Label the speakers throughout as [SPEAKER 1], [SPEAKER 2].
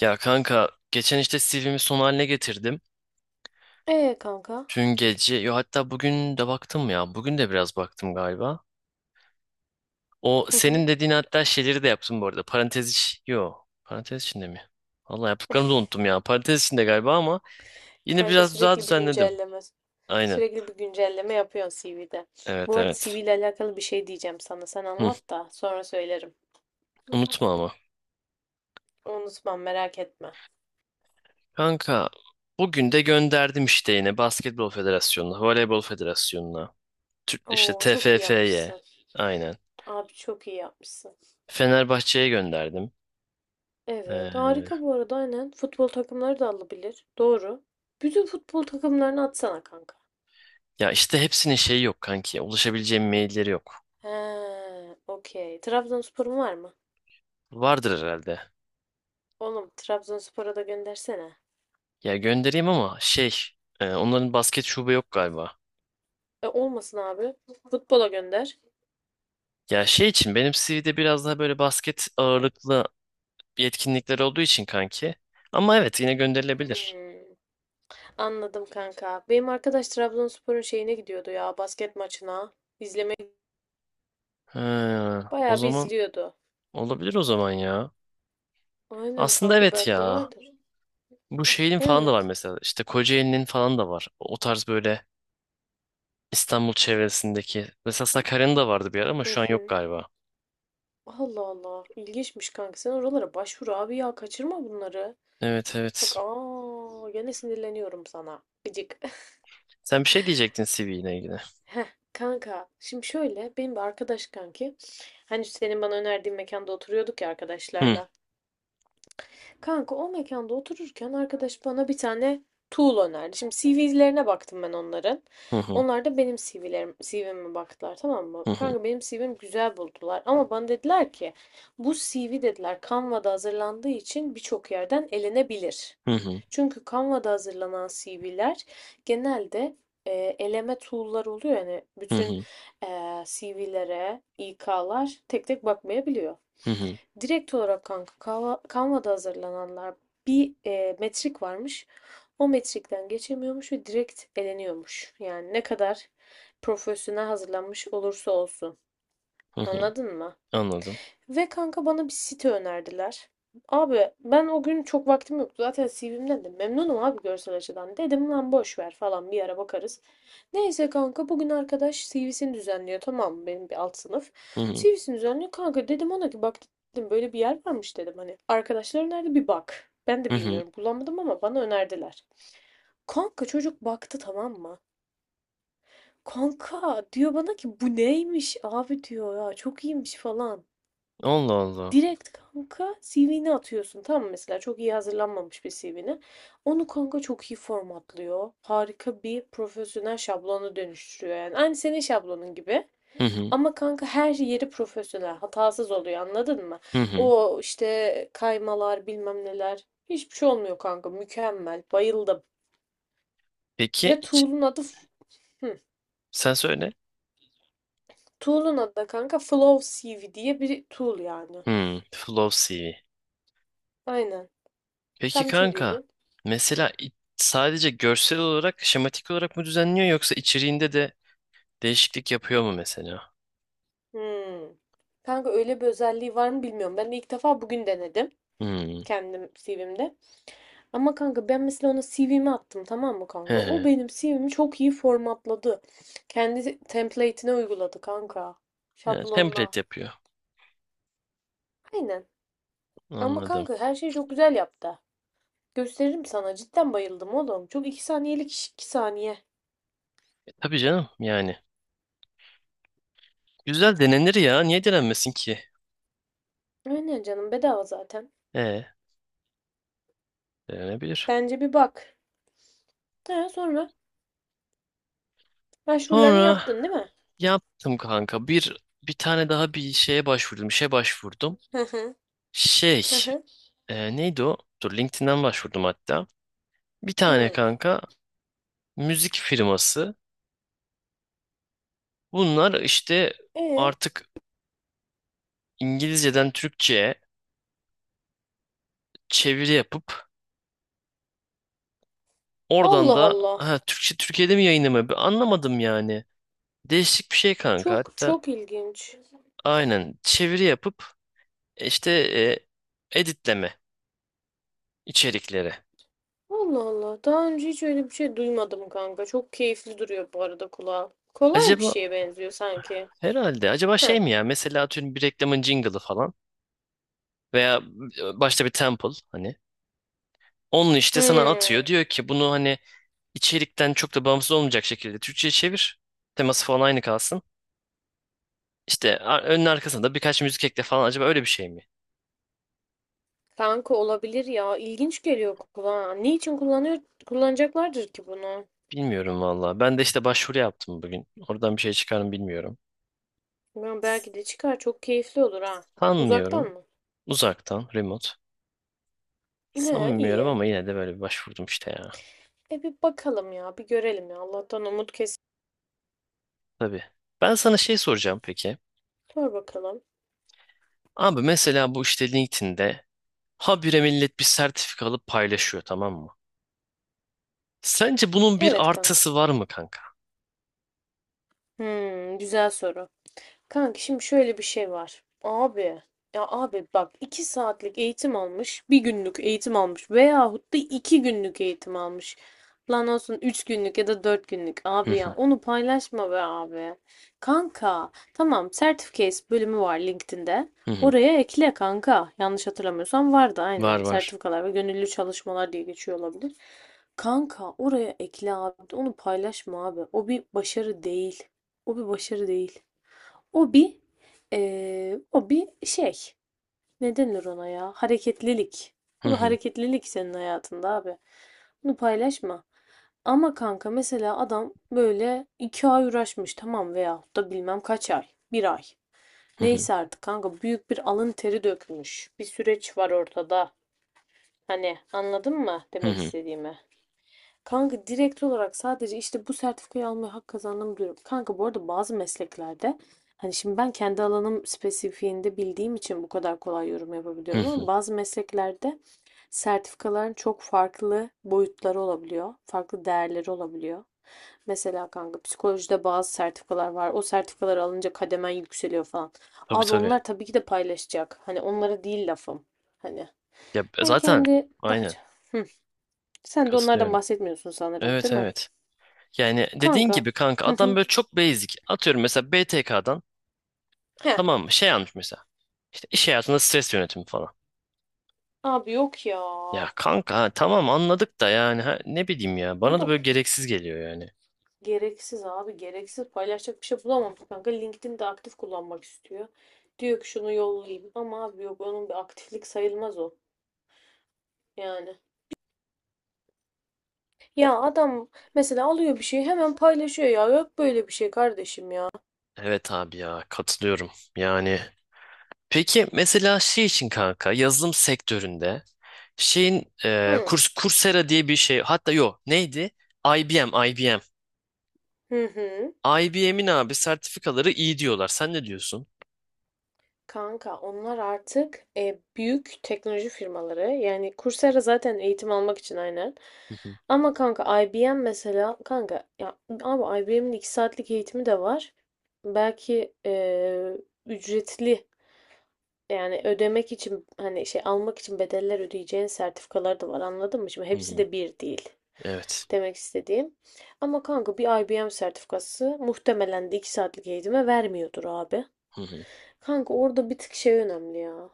[SPEAKER 1] Ya kanka geçen işte CV'mi son haline getirdim.
[SPEAKER 2] Kanka.
[SPEAKER 1] Dün gece yo hatta bugün de baktım ya. Bugün de biraz baktım galiba. O
[SPEAKER 2] Hı hı.
[SPEAKER 1] senin dediğin hatta şeyleri de yaptım bu arada. Parantez iç yo parantez içinde mi? Vallahi yaptıklarımı da unuttum ya. Parantez içinde galiba ama yine
[SPEAKER 2] Kanka
[SPEAKER 1] biraz daha
[SPEAKER 2] sürekli bir
[SPEAKER 1] düzenledim.
[SPEAKER 2] güncelleme.
[SPEAKER 1] Aynen.
[SPEAKER 2] Sürekli bir güncelleme yapıyorsun CV'de.
[SPEAKER 1] Evet
[SPEAKER 2] Bu arada CV
[SPEAKER 1] evet.
[SPEAKER 2] ile alakalı bir şey diyeceğim sana. Sen
[SPEAKER 1] Hı,
[SPEAKER 2] anlat da sonra söylerim.
[SPEAKER 1] unutma ama.
[SPEAKER 2] Unutmam, merak etme.
[SPEAKER 1] Kanka bugün de gönderdim işte yine Basketbol Federasyonu'na, Voleybol Federasyonu'na, işte
[SPEAKER 2] Oo, çok iyi
[SPEAKER 1] TFF'ye.
[SPEAKER 2] yapmışsın.
[SPEAKER 1] Aynen.
[SPEAKER 2] Abi çok iyi yapmışsın.
[SPEAKER 1] Fenerbahçe'ye gönderdim.
[SPEAKER 2] Evet,
[SPEAKER 1] Ee,
[SPEAKER 2] harika bu arada aynen. Futbol takımları da alabilir. Doğru. Bütün futbol takımlarını atsana kanka.
[SPEAKER 1] Ya işte hepsinin şeyi yok kanki. Ulaşabileceğim mailleri yok.
[SPEAKER 2] He, okey. Trabzonspor'un var mı?
[SPEAKER 1] Vardır herhalde.
[SPEAKER 2] Oğlum Trabzonspor'a da göndersene.
[SPEAKER 1] Ya göndereyim ama şey, onların basket şube yok galiba.
[SPEAKER 2] E, olmasın abi. Futbola gönder.
[SPEAKER 1] Ya şey için benim CV'de biraz daha böyle basket ağırlıklı yetkinlikler olduğu için kanki. Ama evet yine gönderilebilir.
[SPEAKER 2] Hmm. Anladım kanka. Benim arkadaş Trabzonspor'un şeyine gidiyordu ya, basket maçına. İzlemeye
[SPEAKER 1] He, o
[SPEAKER 2] bayağı bir
[SPEAKER 1] zaman
[SPEAKER 2] izliyordu.
[SPEAKER 1] olabilir o zaman ya.
[SPEAKER 2] Aynen
[SPEAKER 1] Aslında
[SPEAKER 2] kanka,
[SPEAKER 1] evet
[SPEAKER 2] belki de
[SPEAKER 1] ya.
[SPEAKER 2] vardır.
[SPEAKER 1] Bu şeyin falan da var
[SPEAKER 2] Evet.
[SPEAKER 1] mesela. İşte Kocaeli'nin falan da var. O tarz böyle İstanbul çevresindeki. Mesela Sakarya'nın da vardı bir ara ama
[SPEAKER 2] Hı
[SPEAKER 1] şu an yok
[SPEAKER 2] hı.
[SPEAKER 1] galiba.
[SPEAKER 2] Allah Allah. İlginçmiş kanka. Sen oralara başvur abi ya. Kaçırma bunları.
[SPEAKER 1] Evet evet.
[SPEAKER 2] Bak aa, gene sinirleniyorum sana. Gıcık.
[SPEAKER 1] Sen bir şey diyecektin CV ile ilgili.
[SPEAKER 2] Heh, kanka şimdi şöyle, benim bir arkadaş kanki. Hani senin bana önerdiğin mekanda oturuyorduk ya
[SPEAKER 1] Hı
[SPEAKER 2] arkadaşlarla. Kanka o mekanda otururken arkadaş bana bir tane tool önerdi. Şimdi CV'lerine baktım ben onların.
[SPEAKER 1] hı hı
[SPEAKER 2] Onlar da benim CV'me baktılar, tamam mı?
[SPEAKER 1] hı hı
[SPEAKER 2] Kanka benim CV'mi güzel buldular ama bana dediler ki bu CV dediler Canva'da hazırlandığı için birçok yerden elenebilir.
[SPEAKER 1] hı hı
[SPEAKER 2] Çünkü Canva'da hazırlanan CV'ler genelde e, eleme tool'lar oluyor. Yani
[SPEAKER 1] hı
[SPEAKER 2] bütün
[SPEAKER 1] hı
[SPEAKER 2] CV'lere İK'lar tek tek bakmayabiliyor.
[SPEAKER 1] hı hı
[SPEAKER 2] Direkt olarak kanka Canva'da hazırlananlar bir metrik varmış. O metrikten geçemiyormuş ve direkt eleniyormuş. Yani ne kadar profesyonel hazırlanmış olursa olsun.
[SPEAKER 1] hı hı.
[SPEAKER 2] Anladın mı?
[SPEAKER 1] Anladım.
[SPEAKER 2] Ve kanka bana bir site önerdiler. Abi ben o gün çok vaktim yoktu. Zaten CV'mden de memnunum abi, görsel açıdan. Dedim lan boş ver falan, bir ara bakarız. Neyse kanka bugün arkadaş CV'sini düzenliyor. Tamam mı? Benim bir alt sınıf.
[SPEAKER 1] Hı hı
[SPEAKER 2] CV'sini düzenliyor. Kanka dedim ona ki bak dedim böyle bir yer varmış dedim. Hani arkadaşlar önerdi, bir bak. Ben de
[SPEAKER 1] hı hı.
[SPEAKER 2] bilmiyorum, bulamadım ama bana önerdiler. Kanka çocuk baktı, tamam mı? Kanka diyor bana ki bu neymiş abi diyor ya, çok iyiymiş falan.
[SPEAKER 1] Allah Allah.
[SPEAKER 2] Direkt kanka CV'ni atıyorsun. Tamam mı? Mesela çok iyi hazırlanmamış bir CV'ni. Onu kanka çok iyi formatlıyor. Harika bir profesyonel şablonu dönüştürüyor yani. Aynı senin şablonun gibi.
[SPEAKER 1] Hı hı
[SPEAKER 2] Ama kanka her şey yeri profesyonel. Hatasız oluyor, anladın mı?
[SPEAKER 1] hı hı.
[SPEAKER 2] O işte kaymalar bilmem neler. Hiçbir şey olmuyor kanka. Mükemmel. Bayıldım.
[SPEAKER 1] Peki
[SPEAKER 2] Ve
[SPEAKER 1] iç-
[SPEAKER 2] tool'un adı hı.
[SPEAKER 1] sen söyle.
[SPEAKER 2] Tool'un adı da kanka Flow CV diye bir tool yani.
[SPEAKER 1] Hı, flow CV.
[SPEAKER 2] Aynen.
[SPEAKER 1] Peki
[SPEAKER 2] Sen bir şey
[SPEAKER 1] kanka
[SPEAKER 2] diyordun.
[SPEAKER 1] mesela sadece görsel olarak şematik olarak mı düzenliyor yoksa içeriğinde de değişiklik yapıyor mu mesela?
[SPEAKER 2] Hımm. Kanka öyle bir özelliği var mı bilmiyorum. Ben de ilk defa bugün denedim.
[SPEAKER 1] Hı.
[SPEAKER 2] Kendim CV'mde. Ama kanka ben mesela ona CV'mi attım tamam mı
[SPEAKER 1] He
[SPEAKER 2] kanka? O
[SPEAKER 1] he.
[SPEAKER 2] benim CV'mi çok iyi formatladı. Kendi template'ine uyguladı kanka.
[SPEAKER 1] He,
[SPEAKER 2] Şablonuna.
[SPEAKER 1] template yapıyor.
[SPEAKER 2] Aynen. Ama
[SPEAKER 1] Anladım.
[SPEAKER 2] kanka her şeyi çok güzel yaptı. Gösteririm sana. Cidden bayıldım oğlum. Çok 2 saniyelik iş, 2 saniye.
[SPEAKER 1] E, tabii canım yani. Güzel denenir ya. Niye denenmesin ki?
[SPEAKER 2] Aynen canım, bedava zaten.
[SPEAKER 1] E, denenebilir.
[SPEAKER 2] Bence bir bak. Ha, sonra başvurularını
[SPEAKER 1] Sonra
[SPEAKER 2] yaptın değil mi?
[SPEAKER 1] yaptım kanka. Bir tane daha bir şeye başvurdum. İşe başvurdum.
[SPEAKER 2] Hı hı.
[SPEAKER 1] Şey,
[SPEAKER 2] Hı hı.
[SPEAKER 1] neydi o? Dur LinkedIn'den başvurdum hatta. Bir tane
[SPEAKER 2] Hı.
[SPEAKER 1] kanka müzik firması. Bunlar işte
[SPEAKER 2] E
[SPEAKER 1] artık İngilizceden Türkçe'ye çeviri yapıp oradan
[SPEAKER 2] Allah
[SPEAKER 1] da
[SPEAKER 2] Allah.
[SPEAKER 1] ha, Türkçe Türkiye'de mi yayınlamıyor? Bir anlamadım yani. Değişik bir şey kanka
[SPEAKER 2] Çok
[SPEAKER 1] hatta.
[SPEAKER 2] çok ilginç.
[SPEAKER 1] Aynen çeviri yapıp işte editleme içerikleri.
[SPEAKER 2] Allah Allah. Daha önce hiç öyle bir şey duymadım kanka. Çok keyifli duruyor bu arada kulağa. Kolay bir
[SPEAKER 1] Acaba
[SPEAKER 2] şeye benziyor sanki.
[SPEAKER 1] herhalde. Acaba
[SPEAKER 2] Heh.
[SPEAKER 1] şey mi ya? Mesela atıyorum bir reklamın jingle'ı falan veya başta bir temple hani. Onun işte sana
[SPEAKER 2] Hmm.
[SPEAKER 1] atıyor. Diyor ki bunu hani içerikten çok da bağımsız olmayacak şekilde Türkçe'ye çevir. Teması falan aynı kalsın. İşte önün arkasında birkaç müzik ekle falan. Acaba öyle bir şey mi?
[SPEAKER 2] Kanka olabilir ya. İlginç geliyor kulağa. Ne için kullanıyor, kullanacaklardır ki bunu?
[SPEAKER 1] Bilmiyorum valla. Ben de işte başvuru yaptım bugün. Oradan bir şey çıkar mı bilmiyorum.
[SPEAKER 2] Ben belki de çıkar. Çok keyifli olur ha. Uzaktan
[SPEAKER 1] Sanmıyorum.
[SPEAKER 2] mı?
[SPEAKER 1] Uzaktan, remote.
[SPEAKER 2] He,
[SPEAKER 1] Sanmıyorum
[SPEAKER 2] iyi.
[SPEAKER 1] ama yine de böyle bir başvurdum işte ya.
[SPEAKER 2] E bir bakalım ya. Bir görelim ya. Allah'tan umut kesin.
[SPEAKER 1] Tabii. Ben sana şey soracağım peki.
[SPEAKER 2] Sor bakalım.
[SPEAKER 1] Abi mesela bu işte LinkedIn'de habire millet bir sertifika alıp paylaşıyor tamam mı? Sence bunun bir
[SPEAKER 2] Evet kanka.
[SPEAKER 1] artısı var mı kanka?
[SPEAKER 2] Hmm, güzel soru. Kanka şimdi şöyle bir şey var. Abi ya abi bak, iki saatlik eğitim almış, bir günlük eğitim almış veyahut da iki günlük eğitim almış. Lan olsun, üç günlük ya da dört günlük
[SPEAKER 1] Hı
[SPEAKER 2] abi ya,
[SPEAKER 1] hı,
[SPEAKER 2] onu paylaşma be abi. Kanka tamam, Certificates bölümü var LinkedIn'de.
[SPEAKER 1] hı hı.
[SPEAKER 2] Oraya ekle kanka. Yanlış hatırlamıyorsam vardı
[SPEAKER 1] Var
[SPEAKER 2] aynen.
[SPEAKER 1] var.
[SPEAKER 2] Sertifikalar ve gönüllü çalışmalar diye geçiyor olabilir. Kanka oraya ekle abi. Onu paylaşma abi. O bir başarı değil. O bir başarı değil. O bir o bir şey. Ne denir ona ya? Hareketlilik.
[SPEAKER 1] Hı
[SPEAKER 2] O bir
[SPEAKER 1] hı,
[SPEAKER 2] hareketlilik senin hayatında abi. Bunu paylaşma. Ama kanka mesela adam böyle iki ay uğraşmış tamam veyahut da bilmem kaç ay. Bir ay.
[SPEAKER 1] hı hı,
[SPEAKER 2] Neyse artık kanka büyük bir alın teri dökmüş. Bir süreç var ortada. Hani anladın mı
[SPEAKER 1] hı
[SPEAKER 2] demek
[SPEAKER 1] hı,
[SPEAKER 2] istediğimi? Kanka direkt olarak sadece işte bu sertifikayı almaya hak kazandım diyorum. Kanka bu arada bazı mesleklerde hani şimdi ben kendi alanım spesifiğinde bildiğim için bu kadar kolay yorum
[SPEAKER 1] hı
[SPEAKER 2] yapabiliyorum ama
[SPEAKER 1] hı.
[SPEAKER 2] bazı mesleklerde sertifikaların çok farklı boyutları olabiliyor. Farklı değerleri olabiliyor. Mesela kanka psikolojide bazı sertifikalar var. O sertifikaları alınca kademen yükseliyor falan.
[SPEAKER 1] Tabii
[SPEAKER 2] Abi
[SPEAKER 1] tabii.
[SPEAKER 2] onlar tabii ki de paylaşacak. Hani onlara değil lafım. Hani
[SPEAKER 1] Ya
[SPEAKER 2] ben
[SPEAKER 1] zaten
[SPEAKER 2] kendi daha...
[SPEAKER 1] aynen
[SPEAKER 2] Hı. Sen de onlardan
[SPEAKER 1] katılıyorum.
[SPEAKER 2] bahsetmiyorsun sanırım,
[SPEAKER 1] Evet
[SPEAKER 2] değil mi?
[SPEAKER 1] evet. Yani dediğin
[SPEAKER 2] Kanka.
[SPEAKER 1] gibi kanka
[SPEAKER 2] Hı
[SPEAKER 1] adam
[SPEAKER 2] hı.
[SPEAKER 1] böyle çok basic. Atıyorum mesela BTK'dan
[SPEAKER 2] Heh.
[SPEAKER 1] tamam mı? Şey almış mesela. İşte iş hayatında stres yönetimi falan.
[SPEAKER 2] Abi yok ya.
[SPEAKER 1] Ya kanka ha, tamam anladık da yani ha, ne bileyim ya
[SPEAKER 2] Bu
[SPEAKER 1] bana da
[SPEAKER 2] da
[SPEAKER 1] böyle gereksiz geliyor yani.
[SPEAKER 2] gereksiz abi. Gereksiz paylaşacak bir şey bulamamış kanka. LinkedIn'de aktif kullanmak istiyor. Diyor ki şunu yollayayım. Ama abi yok, onun bir aktiflik sayılmaz o. Yani. Ya adam mesela alıyor bir şeyi hemen paylaşıyor ya. Yok böyle bir şey kardeşim ya.
[SPEAKER 1] Evet abi ya katılıyorum. Yani peki mesela şey için kanka yazılım sektöründe şeyin
[SPEAKER 2] Hı.
[SPEAKER 1] kurs Coursera diye bir şey hatta yok neydi? IBM IBM.
[SPEAKER 2] Hı hı.
[SPEAKER 1] IBM'in abi sertifikaları iyi diyorlar. Sen ne diyorsun?
[SPEAKER 2] Kanka onlar artık büyük teknoloji firmaları. Yani Coursera zaten eğitim almak için aynen.
[SPEAKER 1] Hı hı,
[SPEAKER 2] Ama kanka IBM mesela, kanka ya abi IBM'in 2 saatlik eğitimi de var. Belki ücretli, yani ödemek için hani şey almak için bedeller ödeyeceğin sertifikalar da var, anladın mı? Şimdi
[SPEAKER 1] hı
[SPEAKER 2] hepsi
[SPEAKER 1] hı.
[SPEAKER 2] de bir değil.
[SPEAKER 1] Evet.
[SPEAKER 2] Demek istediğim. Ama kanka bir IBM sertifikası muhtemelen de 2 saatlik eğitime vermiyordur abi.
[SPEAKER 1] Hı hı,
[SPEAKER 2] Kanka orada bir tık şey önemli ya.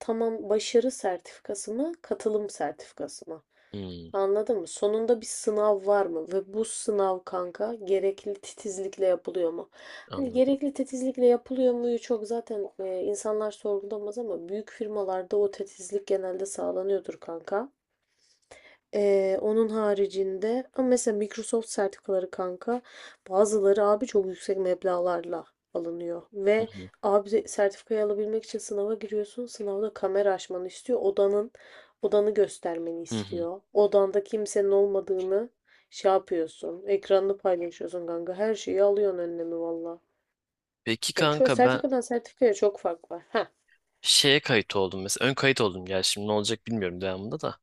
[SPEAKER 2] Tamam, başarı sertifikası mı, katılım sertifikası mı?
[SPEAKER 1] hı.
[SPEAKER 2] Anladın mı? Sonunda bir sınav var mı? Ve bu sınav kanka gerekli titizlikle yapılıyor mu? Hani
[SPEAKER 1] Anladım.
[SPEAKER 2] gerekli titizlikle yapılıyor muyu çok zaten insanlar sorgulamaz ama büyük firmalarda o titizlik genelde sağlanıyordur kanka. Onun haricinde ama mesela Microsoft sertifikaları kanka, bazıları abi çok yüksek meblağlarla alınıyor
[SPEAKER 1] Hı
[SPEAKER 2] ve
[SPEAKER 1] hı,
[SPEAKER 2] abi sertifikayı alabilmek için sınava giriyorsun, sınavda kamera açmanı istiyor, odanı göstermeni
[SPEAKER 1] hı hı.
[SPEAKER 2] istiyor, odanda kimsenin olmadığını şey yapıyorsun, ekranını paylaşıyorsun kanka, her şeyi alıyorsun önlemi, valla
[SPEAKER 1] Peki
[SPEAKER 2] yani çok
[SPEAKER 1] kanka ben
[SPEAKER 2] sertifikadan sertifikaya çok fark var ha.
[SPEAKER 1] şeye kayıt oldum mesela ön kayıt oldum gel şimdi ne olacak bilmiyorum devamında da.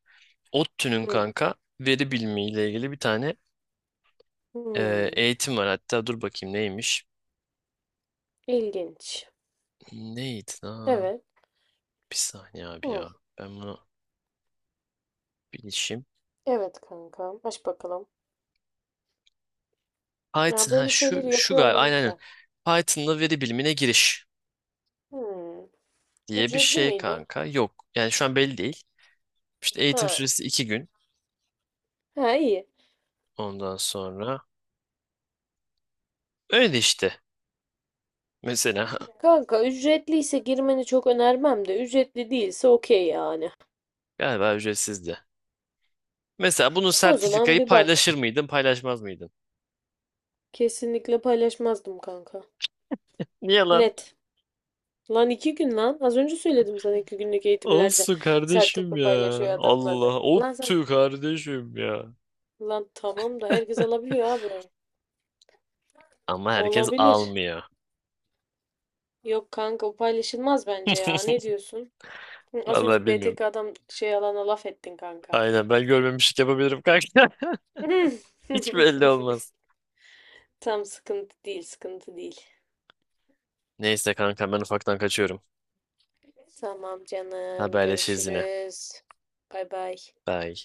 [SPEAKER 1] ODTÜ'nün
[SPEAKER 2] Hı.
[SPEAKER 1] kanka veri bilimi ile ilgili bir tane
[SPEAKER 2] Hmm.
[SPEAKER 1] eğitim var. Hatta dur bakayım neymiş?
[SPEAKER 2] ilginç
[SPEAKER 1] Neydi lan?
[SPEAKER 2] evet.
[SPEAKER 1] Bir saniye abi
[SPEAKER 2] Hı.
[SPEAKER 1] ya. Ben bunu bilişim.
[SPEAKER 2] Evet kanka, aç bakalım. Ya
[SPEAKER 1] Python ha
[SPEAKER 2] böyle
[SPEAKER 1] şu
[SPEAKER 2] şeyleri
[SPEAKER 1] şu
[SPEAKER 2] yapıyor
[SPEAKER 1] galiba
[SPEAKER 2] olman
[SPEAKER 1] aynen aynen.
[SPEAKER 2] güzel.
[SPEAKER 1] Python'la veri bilimine giriş
[SPEAKER 2] Hmm.
[SPEAKER 1] diye bir
[SPEAKER 2] Ücretli
[SPEAKER 1] şey
[SPEAKER 2] miydi?
[SPEAKER 1] kanka. Yok. Yani şu an belli değil. İşte eğitim
[SPEAKER 2] Ha.
[SPEAKER 1] süresi 2 gün.
[SPEAKER 2] Ha iyi.
[SPEAKER 1] Ondan sonra öyle işte. Mesela
[SPEAKER 2] Kanka ücretliyse girmeni çok önermem de ücretli değilse okey yani.
[SPEAKER 1] galiba ücretsizdi. Mesela bunun
[SPEAKER 2] O zaman
[SPEAKER 1] sertifikayı
[SPEAKER 2] bir bak.
[SPEAKER 1] paylaşır mıydın, paylaşmaz mıydın?
[SPEAKER 2] Kesinlikle paylaşmazdım kanka.
[SPEAKER 1] Niye lan?
[SPEAKER 2] Net. Lan iki gün lan. Az önce söyledim sana, iki günlük eğitimlerde
[SPEAKER 1] Olsun kardeşim
[SPEAKER 2] sertifika
[SPEAKER 1] ya.
[SPEAKER 2] paylaşıyor adamlar da.
[SPEAKER 1] Allah.
[SPEAKER 2] Lan sen.
[SPEAKER 1] Ottu kardeşim ya.
[SPEAKER 2] Lan tamam da herkes alabiliyor abi.
[SPEAKER 1] Ama herkes
[SPEAKER 2] Olabilir.
[SPEAKER 1] almıyor.
[SPEAKER 2] Yok kanka, o paylaşılmaz bence ya. Ne diyorsun? Hı, az
[SPEAKER 1] Vallahi
[SPEAKER 2] önce
[SPEAKER 1] bilmiyorum.
[SPEAKER 2] BTK adam şey alana laf ettin kanka.
[SPEAKER 1] Aynen ben görmemişlik yapabilirim kanka. Hiç belli olmaz.
[SPEAKER 2] Tam sıkıntı değil, sıkıntı değil.
[SPEAKER 1] Neyse kanka ben ufaktan kaçıyorum.
[SPEAKER 2] Tamam canım,
[SPEAKER 1] Haberleşiriz yine.
[SPEAKER 2] görüşürüz. Bay bay.
[SPEAKER 1] Bye.